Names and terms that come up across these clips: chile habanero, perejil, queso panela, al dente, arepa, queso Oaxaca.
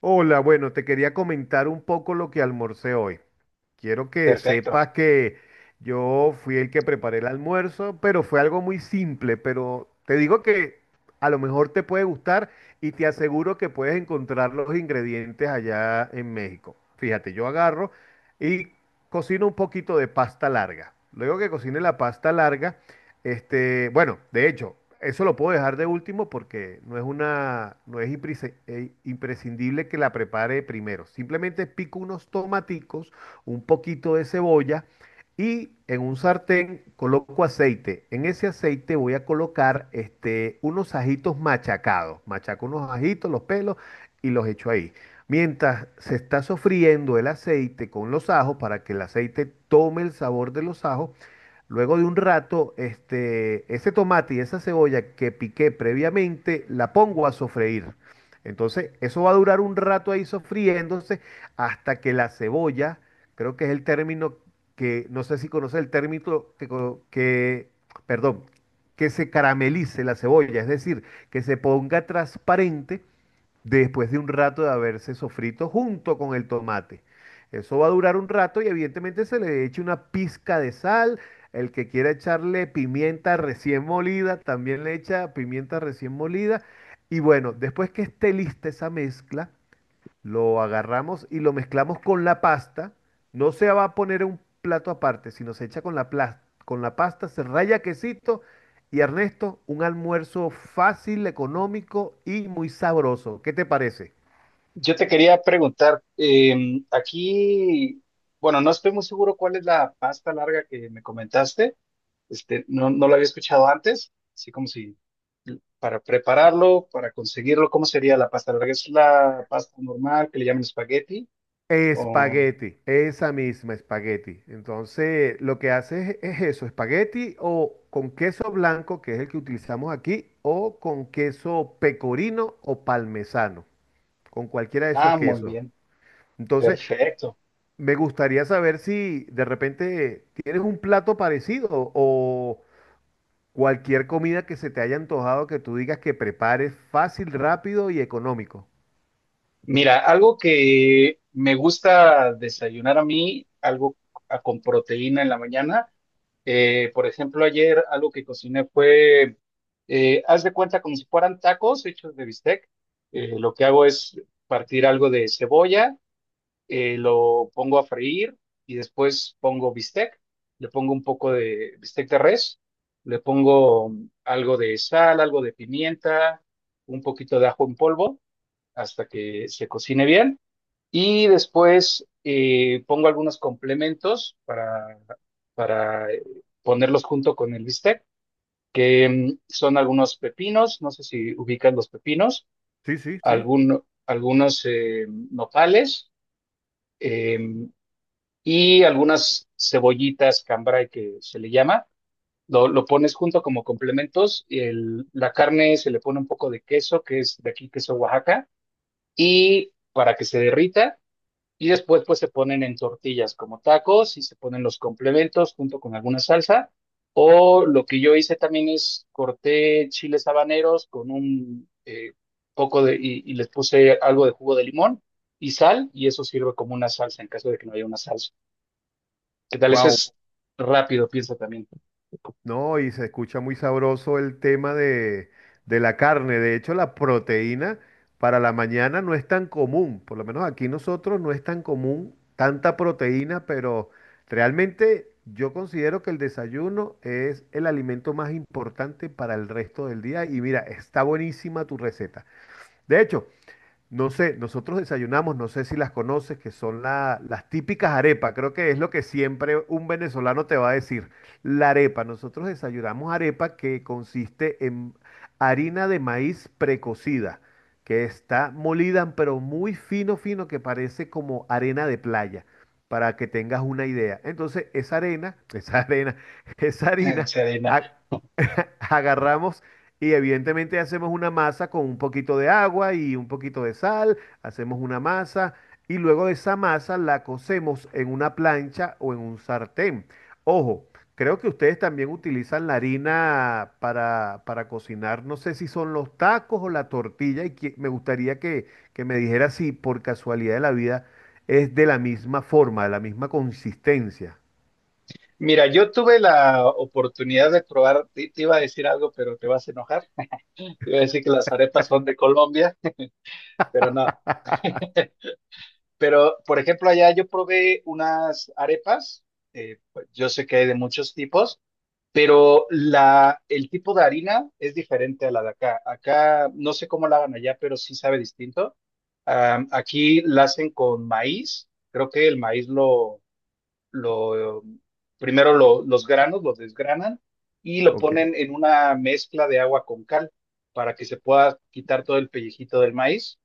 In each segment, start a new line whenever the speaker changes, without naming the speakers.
Hola, bueno, te quería comentar un poco lo que almorcé hoy. Quiero que
Perfecto.
sepas que yo fui el que preparé el almuerzo, pero fue algo muy simple, pero te digo que a lo mejor te puede gustar y te aseguro que puedes encontrar los ingredientes allá en México. Fíjate, yo agarro y cocino un poquito de pasta larga. Luego que cocine la pasta larga, bueno, de hecho, eso lo puedo dejar de último porque no es una, no es imprescindible que la prepare primero. Simplemente pico unos tomaticos, un poquito de cebolla y en un sartén coloco aceite. En ese aceite voy a colocar unos ajitos machacados. Machaco unos ajitos, los pelos y los echo ahí. Mientras se está sofriendo el aceite con los ajos para que el aceite tome el sabor de los ajos, luego de un rato, ese tomate y esa cebolla que piqué previamente, la pongo a sofreír. Entonces, eso va a durar un rato ahí sofriéndose hasta que la cebolla, creo que es el término que, no sé si conoce el término perdón, que se caramelice la cebolla, es decir, que se ponga transparente después de un rato de haberse sofrito junto con el tomate. Eso va a durar un rato y evidentemente se le echa una pizca de sal. El que quiera echarle pimienta recién molida, también le echa pimienta recién molida. Y bueno, después que esté lista esa mezcla, lo agarramos y lo mezclamos con la pasta. No se va a poner en un plato aparte, sino se echa con la pasta, se raya quesito y Ernesto, un almuerzo fácil, económico y muy sabroso. ¿Qué te parece?
Yo te quería preguntar, aquí, bueno, no estoy muy seguro cuál es la pasta larga que me comentaste. No lo había escuchado antes, así como si para prepararlo, para conseguirlo, ¿cómo sería la pasta larga? ¿Es la pasta normal que le llaman espagueti? O...
Espagueti, esa misma espagueti. Entonces, lo que haces es eso, espagueti o con queso blanco, que es el que utilizamos aquí, o con queso pecorino o parmesano, con cualquiera de esos
Ah, muy
quesos.
bien,
Entonces,
perfecto.
me gustaría saber si de repente tienes un plato parecido o cualquier comida que se te haya antojado que tú digas que prepares fácil, rápido y económico.
Mira, algo que me gusta desayunar a mí, algo con proteína en la mañana. Por ejemplo, ayer algo que cociné fue, haz de cuenta como si fueran tacos hechos de bistec. Lo que hago es partir algo de cebolla, lo pongo a freír y después pongo bistec. Le pongo un poco de bistec de res, le pongo algo de sal, algo de pimienta, un poquito de ajo en polvo hasta que se cocine bien. Y después pongo algunos complementos para, para ponerlos junto con el bistec, que son algunos pepinos, no sé si ubicas los pepinos,
Sí, sí, sí.
algunos nopales, eh, y algunas cebollitas cambray que se le llama. Lo pones junto como complementos. La carne se le pone un poco de queso, que es de aquí, queso Oaxaca, y para que se derrita. Y después pues se ponen en tortillas como tacos y se ponen los complementos junto con alguna salsa. O lo que yo hice también es corté chiles habaneros con un poco de, y les puse algo de jugo de limón y sal y eso sirve como una salsa en caso de que no haya una salsa. ¿Qué tal? Eso es rápido, piensa también.
No, y se escucha muy sabroso el tema de la carne. De hecho, la proteína para la mañana no es tan común. Por lo menos aquí nosotros no es tan común tanta proteína, pero realmente yo considero que el desayuno es el alimento más importante para el resto del día. Y mira, está buenísima tu receta. De hecho, no sé, nosotros desayunamos, no sé si las conoces, que son las típicas arepas. Creo que es lo que siempre un venezolano te va a decir. La arepa, nosotros desayunamos arepa que consiste en harina de maíz precocida, que está molida, pero muy fino, fino, que parece como arena de playa, para que tengas una idea. Entonces, esa arena, esa harina,
Serena.
ha- agarramos y evidentemente hacemos una masa con un poquito de agua y un poquito de sal, hacemos una masa y luego de esa masa la cocemos en una plancha o en un sartén. Ojo, creo que ustedes también utilizan la harina para cocinar, no sé si son los tacos o la tortilla me gustaría que me dijera si por casualidad de la vida es de la misma forma, de la misma consistencia.
Mira, yo tuve la oportunidad de probar, te iba a decir algo, pero te vas a enojar. Te iba a decir que las arepas son de Colombia, pero no. Pero, por ejemplo, allá yo probé unas arepas, pues, yo sé que hay de muchos tipos, pero el tipo de harina es diferente a la de acá. Acá no sé cómo la hagan allá, pero sí sabe distinto. Aquí la hacen con maíz, creo que el maíz lo primero los granos los desgranan y lo
Ok,
ponen en una mezcla de agua con cal para que se pueda quitar todo el pellejito del maíz,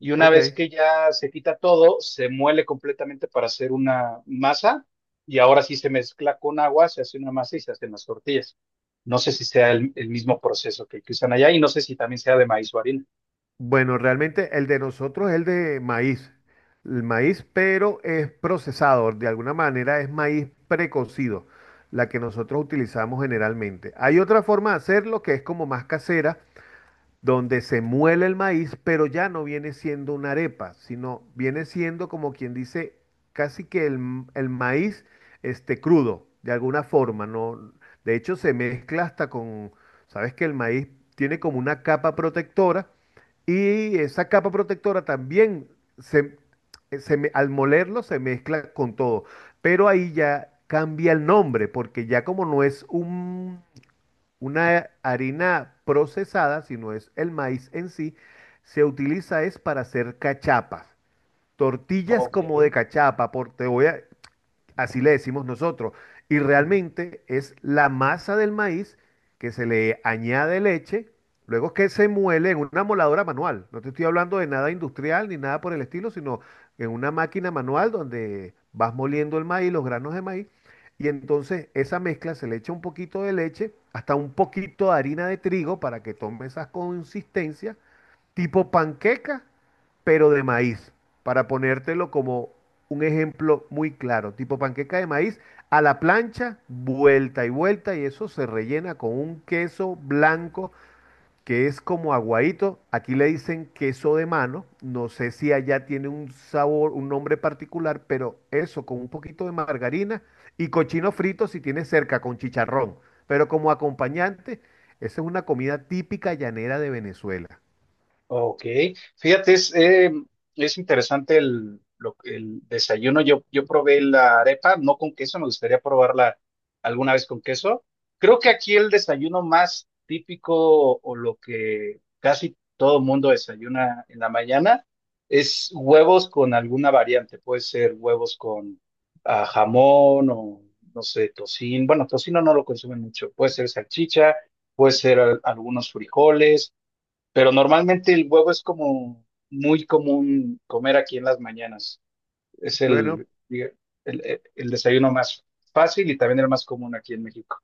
y una vez
ok.
que ya se quita todo, se muele completamente para hacer una masa, y ahora sí se mezcla con agua, se hace una masa y se hacen las tortillas. No sé si sea el mismo proceso que usan allá y no sé si también sea de maíz o harina.
Bueno, realmente el de nosotros es el de maíz. El maíz, pero es procesado, de alguna manera es maíz precocido, la que nosotros utilizamos generalmente. Hay otra forma de hacerlo que es como más casera, donde se muele el maíz, pero ya no viene siendo una arepa, sino viene siendo como quien dice casi que el maíz este crudo, de alguna forma, ¿no? De hecho, se mezcla hasta con, sabes que el maíz tiene como una capa protectora y esa capa protectora también se, al molerlo se mezcla con todo, pero ahí ya cambia el nombre, porque ya como no es un una harina procesada, si no es el maíz en sí, se utiliza es para hacer cachapas. Tortillas
Ok.
como de cachapa, por, te voy a, así le decimos nosotros. Y realmente es la masa del maíz que se le añade leche, luego que se muele en una moladora manual. No te estoy hablando de nada industrial ni nada por el estilo, sino en una máquina manual donde vas moliendo el maíz, los granos de maíz. Y entonces esa mezcla se le echa un poquito de leche, hasta un poquito de harina de trigo para que tome esas consistencias tipo panqueca, pero de maíz, para ponértelo como un ejemplo muy claro, tipo panqueca de maíz a la plancha, vuelta y vuelta, y eso se rellena con un queso blanco que es como aguadito, aquí le dicen queso de mano, no sé si allá tiene un sabor, un nombre particular, pero eso con un poquito de margarina y cochino frito si tiene cerca con chicharrón, pero como acompañante, esa es una comida típica llanera de Venezuela.
Ok, fíjate, es interesante el desayuno. Yo probé la arepa, no con queso, me gustaría probarla alguna vez con queso. Creo que aquí el desayuno más típico o lo que casi todo mundo desayuna en la mañana es huevos con alguna variante. Puede ser huevos con jamón o, no sé, tocino. Bueno, tocino no lo consumen mucho. Puede ser salchicha, puede ser algunos frijoles. Pero normalmente el huevo es como muy común comer aquí en las mañanas. Es
Bueno,
el, diga- el desayuno más fácil y también el más común aquí en México.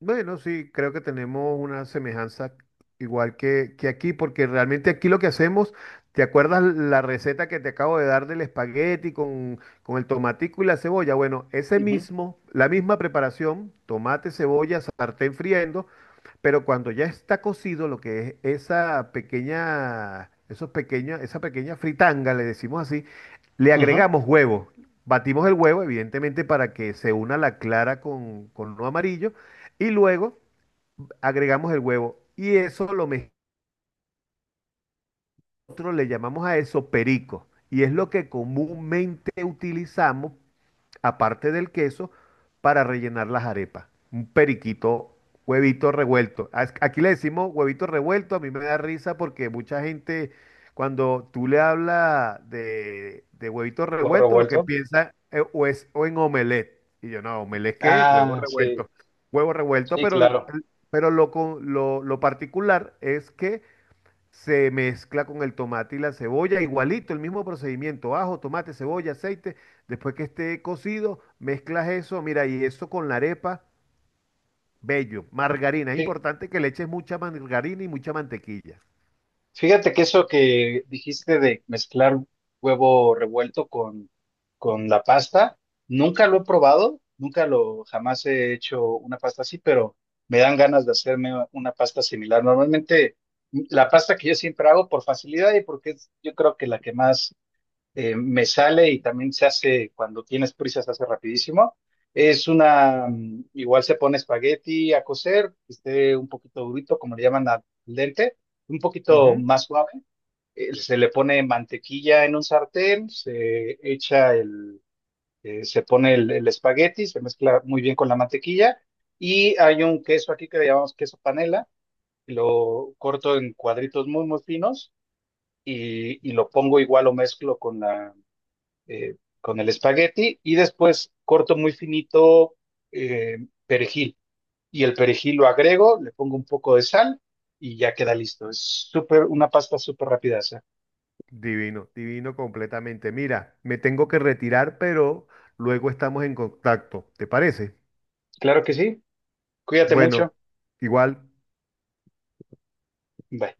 bueno, sí, creo que tenemos una semejanza igual que aquí, porque realmente aquí lo que hacemos, ¿te acuerdas la receta que te acabo de dar del espagueti con el tomatico y la cebolla? Bueno, ese
Ujú,
mismo, la misma preparación, tomate, cebolla, sartén friendo, pero cuando ya está cocido, lo que es esa pequeña, esos pequeños, esa pequeña fritanga, le decimos así, le
ujú.
agregamos huevo. Batimos el huevo, evidentemente, para que se una la clara con lo amarillo. Y luego agregamos el huevo. Y eso nosotros le llamamos a eso perico. Y es lo que comúnmente utilizamos aparte del queso, para rellenar las arepas. Un periquito, huevito revuelto. Aquí le decimos huevito revuelto, a mí me da risa porque mucha gente, cuando tú le hablas de huevito
Huevo
revuelto, lo que
revuelto.
piensa o es o en omelette. Y yo, no, ¿omelette qué? Huevo
Ah, sí,
revuelto. Huevo revuelto,
sí,
pero,
claro.
lo particular es que se mezcla con el tomate y la cebolla, igualito, el mismo procedimiento, ajo, tomate, cebolla, aceite, después que esté cocido, mezclas eso, mira, y eso con la arepa, bello, margarina, es importante que le eches mucha margarina y mucha mantequilla.
Fíjate que eso que dijiste de mezclar huevo revuelto con la pasta, nunca lo he probado, nunca lo, jamás he hecho una pasta así, pero me dan ganas de hacerme una pasta similar. Normalmente la pasta que yo siempre hago por facilidad y porque es, yo creo que la que más me sale y también se hace, cuando tienes prisa, se hace rapidísimo. Es una, igual se pone espagueti a cocer, que esté un poquito durito, como le llaman al dente, un poquito
Ujú,
más suave. Se le pone mantequilla en un sartén, se echa el, se pone el espagueti, se mezcla muy bien con la mantequilla. Y hay un queso aquí que le llamamos queso panela, lo corto en cuadritos muy, muy finos y lo pongo igual o mezclo con la con el espagueti y después corto muy finito eh, perejil. Y el perejil lo agrego, le pongo un poco de sal y ya queda listo. Es súper, una pasta súper rápida. Esa.
divino, divino completamente. Mira, me tengo que retirar, pero luego estamos en contacto, ¿te parece?
Claro que sí. Cuídate
Bueno,
mucho.
igual.
Bye.